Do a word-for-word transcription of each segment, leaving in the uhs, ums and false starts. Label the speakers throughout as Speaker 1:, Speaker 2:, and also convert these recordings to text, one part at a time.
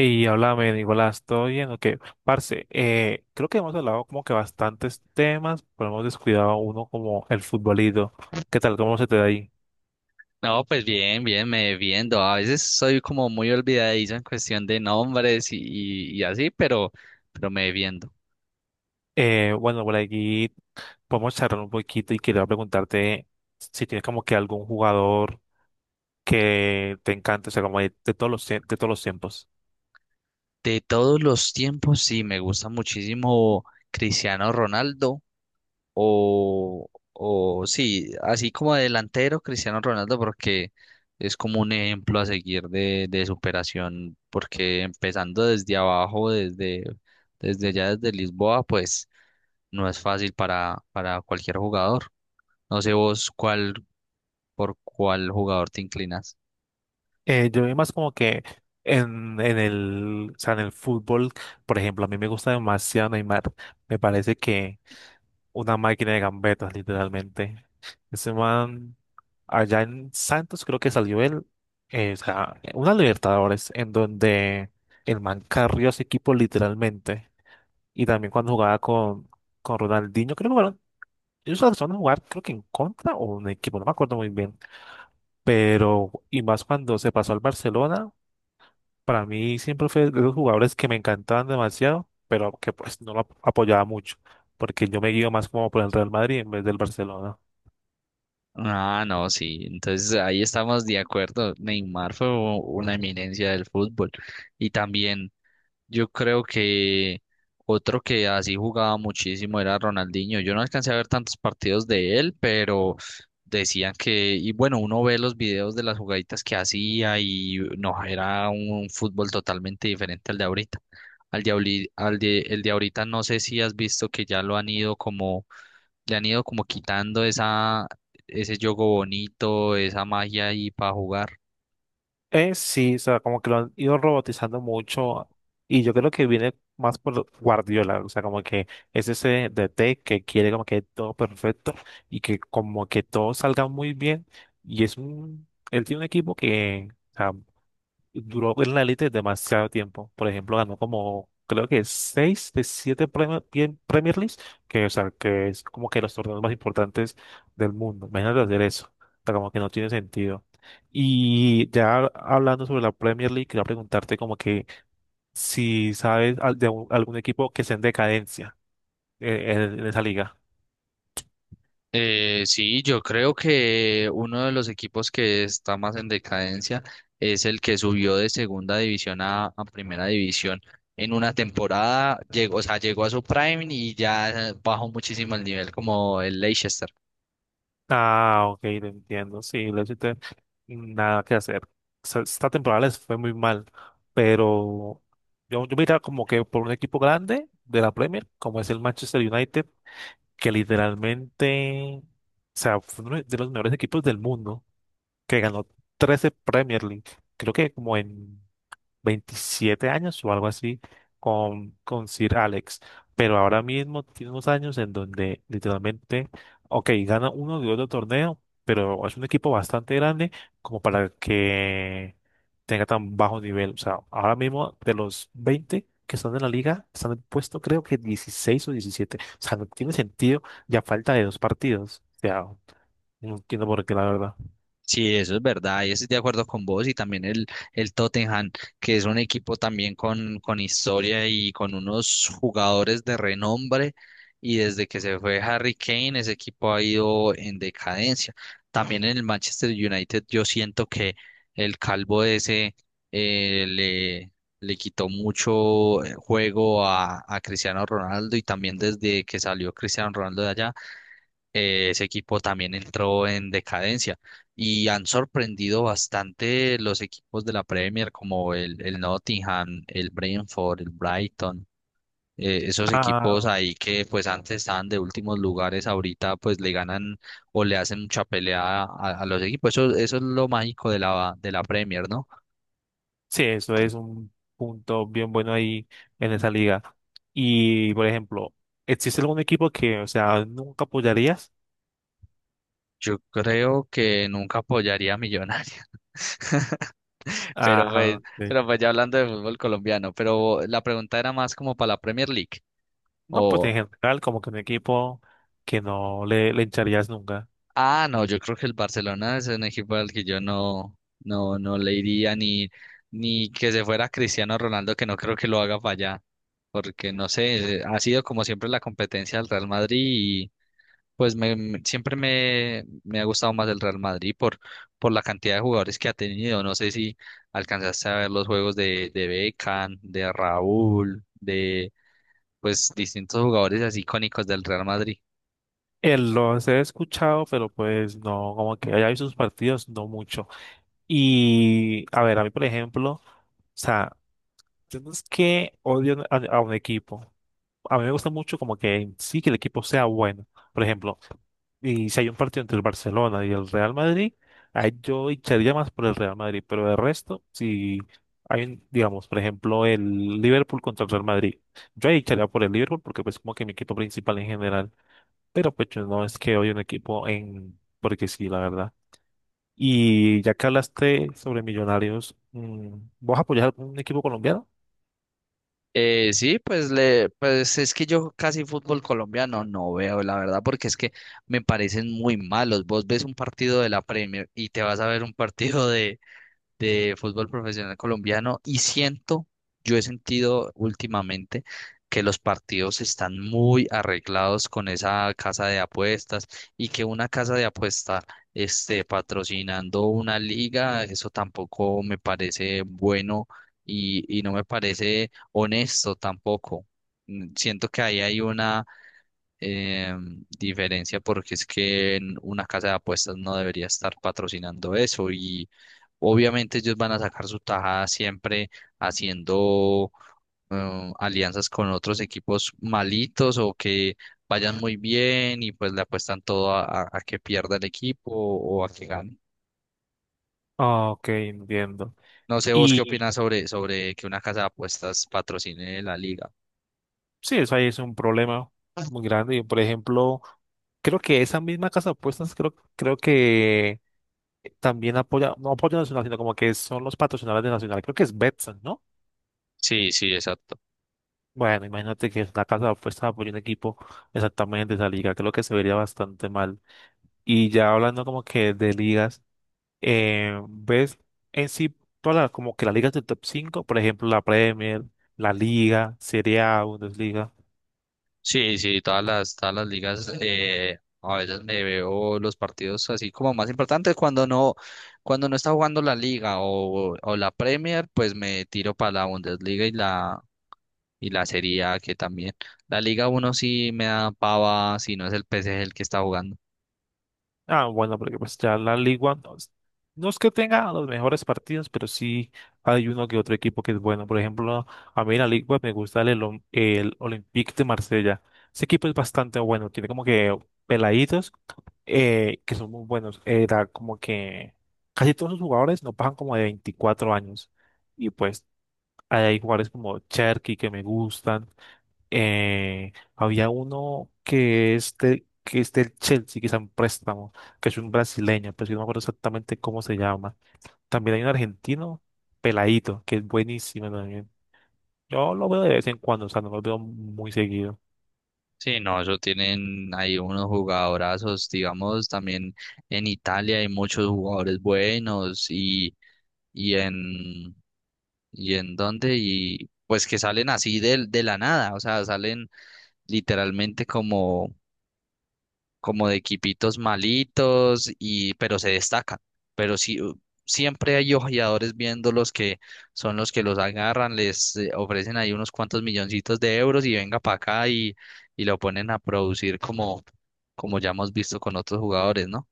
Speaker 1: Y háblame, Nicolás, ¿todo bien? Ok, parce, eh, creo que hemos hablado como que bastantes temas, pero hemos descuidado uno como el futbolito. ¿Qué tal? ¿Cómo se te da ahí?
Speaker 2: No, pues bien, bien, me viendo. A veces soy como muy olvidadizo en cuestión de nombres y, y, y así, pero, pero me viendo.
Speaker 1: Eh, bueno, por aquí podemos charlar un poquito y quería preguntarte si tienes como que algún jugador que te encante, o sea, como de, de todos los, tie- de todos los tiempos.
Speaker 2: De todos los tiempos, sí, me gusta muchísimo Cristiano Ronaldo o, o sí, así como delantero Cristiano Ronaldo porque es como un ejemplo a seguir de, de superación, porque empezando desde abajo, desde, desde ya desde Lisboa, pues no es fácil para, para cualquier jugador. No sé vos cuál, por cuál jugador te inclinas.
Speaker 1: Eh, yo vi más como que en, en el, o sea, en el fútbol, por ejemplo, a mí me gusta demasiado Neymar. Me parece que una máquina de gambetas, literalmente. Ese man, allá en Santos, creo que salió él, eh, o sea, una Libertadores, en donde el man carrió a ese equipo literalmente. Y también cuando jugaba con, con Ronaldinho, creo que jugaron, ellos alcanzaron a jugar, creo que en contra o un equipo, no me acuerdo muy bien. Pero, y más cuando se pasó al Barcelona, para mí siempre fue de los jugadores que me encantaban demasiado, pero que pues no lo ap- apoyaba mucho, porque yo me guío más como por el Real Madrid en vez del Barcelona.
Speaker 2: Ah, no, sí. Entonces ahí estamos de acuerdo. Neymar fue u- una eminencia del fútbol. Y también yo creo que otro que así jugaba muchísimo era Ronaldinho. Yo no alcancé a ver tantos partidos de él, pero decían que, y bueno, uno ve los videos de las jugaditas que hacía y no, era un fútbol totalmente diferente al de ahorita. Al de, ahorri- al de, El de ahorita no sé si has visto que ya lo han ido como, le han ido como quitando esa, ese juego bonito, esa magia ahí para jugar.
Speaker 1: Eh, sí, o sea, como que lo han ido robotizando mucho y yo creo que viene más por Guardiola, o sea, como que es ese D T que quiere como que todo perfecto y que como que todo salga muy bien y es un, él tiene un equipo que duró en la élite demasiado tiempo. Por ejemplo, ganó como, creo que seis de siete Premier, pie- Premier Leagues, que, o sea, que es como que los torneos más importantes del mundo. Imagínate hacer eso. O sea, como que no tiene sentido. Y ya hablando sobre la Premier League, quería preguntarte como que si sabes al- de un- algún equipo que esté en decadencia eh, en en esa liga.
Speaker 2: Eh, sí, yo creo que uno de los equipos que está más en decadencia es el que subió de segunda división a, a primera división. En una temporada llegó, o sea, llegó a su prime y ya bajó muchísimo el nivel como el Leicester.
Speaker 1: Ah, ok, te entiendo. Sí, le hiciste nada que hacer. Se- Esta temporada les fue muy mal, pero yo, yo mira como que por un equipo grande de la Premier, como es el Manchester United, que literalmente, o sea, fue uno de los mejores equipos del mundo, que ganó trece Premier League, creo que como en veintisiete años o algo así con, con Sir Alex, pero ahora mismo tiene unos años en donde literalmente, ok, gana uno de otro torneo, pero es un equipo bastante grande como para que tenga tan bajo nivel. O sea, ahora mismo de los veinte que están en la liga, están en el puesto creo que dieciséis o diecisiete. O sea, no tiene sentido ya falta de dos partidos. O sea, no entiendo por qué, la verdad.
Speaker 2: Sí, eso es verdad, y estoy de acuerdo con vos y también el, el Tottenham, que es un equipo también con, con historia y con unos jugadores de renombre y desde que se fue Harry Kane ese equipo ha ido en decadencia. También en el Manchester United yo siento que el calvo ese eh, le, le quitó mucho eh, juego a, a Cristiano Ronaldo y también desde que salió Cristiano Ronaldo de allá eh, ese equipo también entró en decadencia y han sorprendido bastante los equipos de la Premier como el, el Nottingham, el Brentford, el Brighton, eh, esos equipos
Speaker 1: Ah,
Speaker 2: ahí que pues antes estaban de últimos lugares, ahorita pues le ganan o le hacen mucha pelea a, a los equipos. Eso, eso es lo mágico de la, de la Premier, ¿no?
Speaker 1: sí, eso es un punto bien bueno ahí en esa liga. Y, por ejemplo, ¿existe algún equipo que, o sea, nunca apoyarías?
Speaker 2: Yo creo que nunca apoyaría a Millonarios. Pero pues,
Speaker 1: Ah, de-
Speaker 2: pero pues ya hablando de fútbol colombiano, pero la pregunta era más como para la Premier League.
Speaker 1: no, pues en
Speaker 2: O,
Speaker 1: general, como que un equipo que no le, le hincharías nunca.
Speaker 2: ah, no, yo creo que el Barcelona es un equipo al que yo no, no, no le iría ni, ni que se fuera Cristiano Ronaldo, que no creo que lo haga para allá. Porque no sé, ha sido como siempre la competencia del Real Madrid. Pues me, me- siempre me, me ha gustado más el Real Madrid por, por la cantidad de jugadores que ha tenido. No sé si alcanzaste a ver los juegos de, de Beckham, de Raúl, de pues distintos jugadores así icónicos del Real Madrid.
Speaker 1: Eh, los he escuchado, pero pues no, como que haya visto sus partidos, no mucho. Y, a ver, a mí, por ejemplo, o sea, yo no es que odio a, a un equipo. A mí me gusta mucho como que sí que el equipo sea bueno. Por ejemplo, y si hay un partido entre el Barcelona y el Real Madrid, ahí yo echaría más por el Real Madrid, pero de resto, si hay, un- digamos, por ejemplo, el Liverpool contra el Real Madrid, yo ahí echaría por el Liverpool porque pues como que mi equipo principal en general, pero pues yo no es que hoy un equipo en, porque sí, la verdad. Y ya que hablaste sobre Millonarios, mm, ¿vos apoyás a un equipo colombiano?
Speaker 2: Eh, sí, pues le, pues es que yo casi fútbol colombiano no veo, la verdad, porque es que me parecen muy malos. Vos ves un partido de la Premier y te vas a ver un partido de de fútbol profesional colombiano y siento, yo he sentido últimamente que los partidos están muy arreglados con esa casa de apuestas y que una casa de apuesta esté patrocinando una liga, eso tampoco me parece bueno y, y no me parece honesto tampoco. Mm, Siento que ahí hay una eh, diferencia porque es que en una casa de apuestas no debería estar patrocinando eso y obviamente ellos van a sacar su tajada siempre haciendo eh, alianzas con otros equipos malitos o que vayan muy bien y pues le apuestan todo a, a- a que pierda el equipo o a que gane.
Speaker 1: Ah, ok, entiendo.
Speaker 2: No sé vos qué opinas sobre, sobre que una casa de apuestas patrocine la liga.
Speaker 1: Sí, eso ahí es un problema muy grande. Yo, por ejemplo, creo que esa misma casa de apuestas creo, creo que también apoya, no apoya a Nacional, sino como que son los patrocinadores de Nacional. Creo que es Betson, ¿no?
Speaker 2: Sí, sí, exacto.
Speaker 1: Bueno, imagínate que la casa de apuestas apoya un equipo exactamente de esa liga. Creo que se vería bastante mal. Y ya hablando como que de ligas, eh, ves en sí todas las, como que las ligas del top cinco, por ejemplo, la Premier, la Liga, Serie A, Bundesliga.
Speaker 2: Sí, sí, todas las, todas las ligas, eh, a veces me veo los partidos así como más importantes cuando no, cuando no está jugando la liga o, o la Premier, pues me tiro para la Bundesliga y la, y la Serie A que también. La Liga uno sí me da pava si no es el P S G el que está jugando.
Speaker 1: Ah, bueno, porque pues ya la Liga no, es no es que tenga los mejores partidos, pero sí hay uno que otro equipo que es bueno. Por ejemplo, a mí en la Liga me gusta el, Olom- el Olympique de Marsella. Ese equipo es bastante bueno, tiene como que peladitos eh, que son muy buenos. Era como que casi todos los jugadores no pasan como de veinticuatro años. Y pues hay jugadores como Cherky que me gustan, eh, había uno que es de- que es del Chelsea, que está en préstamo, que es un brasileño, pero yo no me acuerdo exactamente cómo se llama. También hay un argentino, Peladito, que es buenísimo también. Yo lo veo de vez en cuando, o sea, no lo veo muy seguido.
Speaker 2: Sí, no, eso tienen ahí unos jugadorazos, digamos, también en Italia hay muchos jugadores buenos y, y en ¿Y ¿en dónde? Y pues que salen así de, de la nada, o sea, salen literalmente como, como de equipitos malitos, y, pero se destacan. Pero sí, u- siempre hay ojeadores viéndolos que son los que los agarran, les eh, ofrecen ahí unos cuantos milloncitos de euros y venga para acá y, y lo ponen a producir como, como ya hemos visto con otros jugadores, ¿no?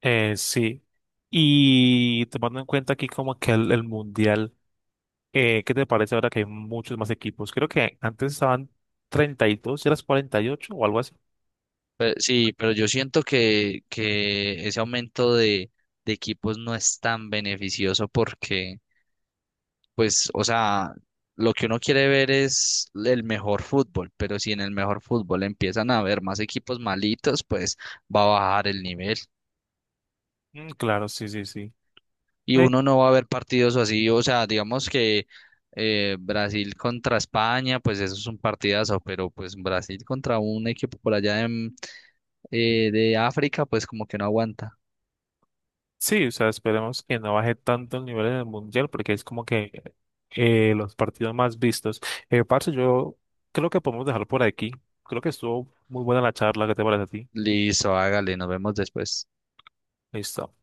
Speaker 1: Eh, sí. Y tomando en cuenta aquí como que el, el mundial, eh, ¿qué te parece ahora que hay muchos más equipos? Creo que antes estaban treinta y dos y eras cuarenta y ocho o algo así.
Speaker 2: Pe- sí, pero yo siento que, que ese aumento de de equipos no es tan beneficioso porque pues, o sea, lo que uno quiere ver es el mejor fútbol, pero si en el mejor fútbol empiezan a haber más equipos malitos, pues va a bajar el nivel
Speaker 1: Mm, claro, sí, sí, sí.
Speaker 2: y
Speaker 1: Ve
Speaker 2: uno no va a ver partidos así, o sea, digamos que eh, Brasil contra España, pues eso es un partidazo, pero pues Brasil contra un equipo por allá en, eh, de África, pues como que no aguanta.
Speaker 1: sí, o sea, esperemos que no baje tanto el nivel en el mundial porque es como que eh, los partidos más vistos. Eh, parce, yo creo que podemos dejar por aquí. Creo que estuvo muy buena la charla. ¿Qué te parece a ti?
Speaker 2: Listo, hágale, nos vemos después.
Speaker 1: Listo.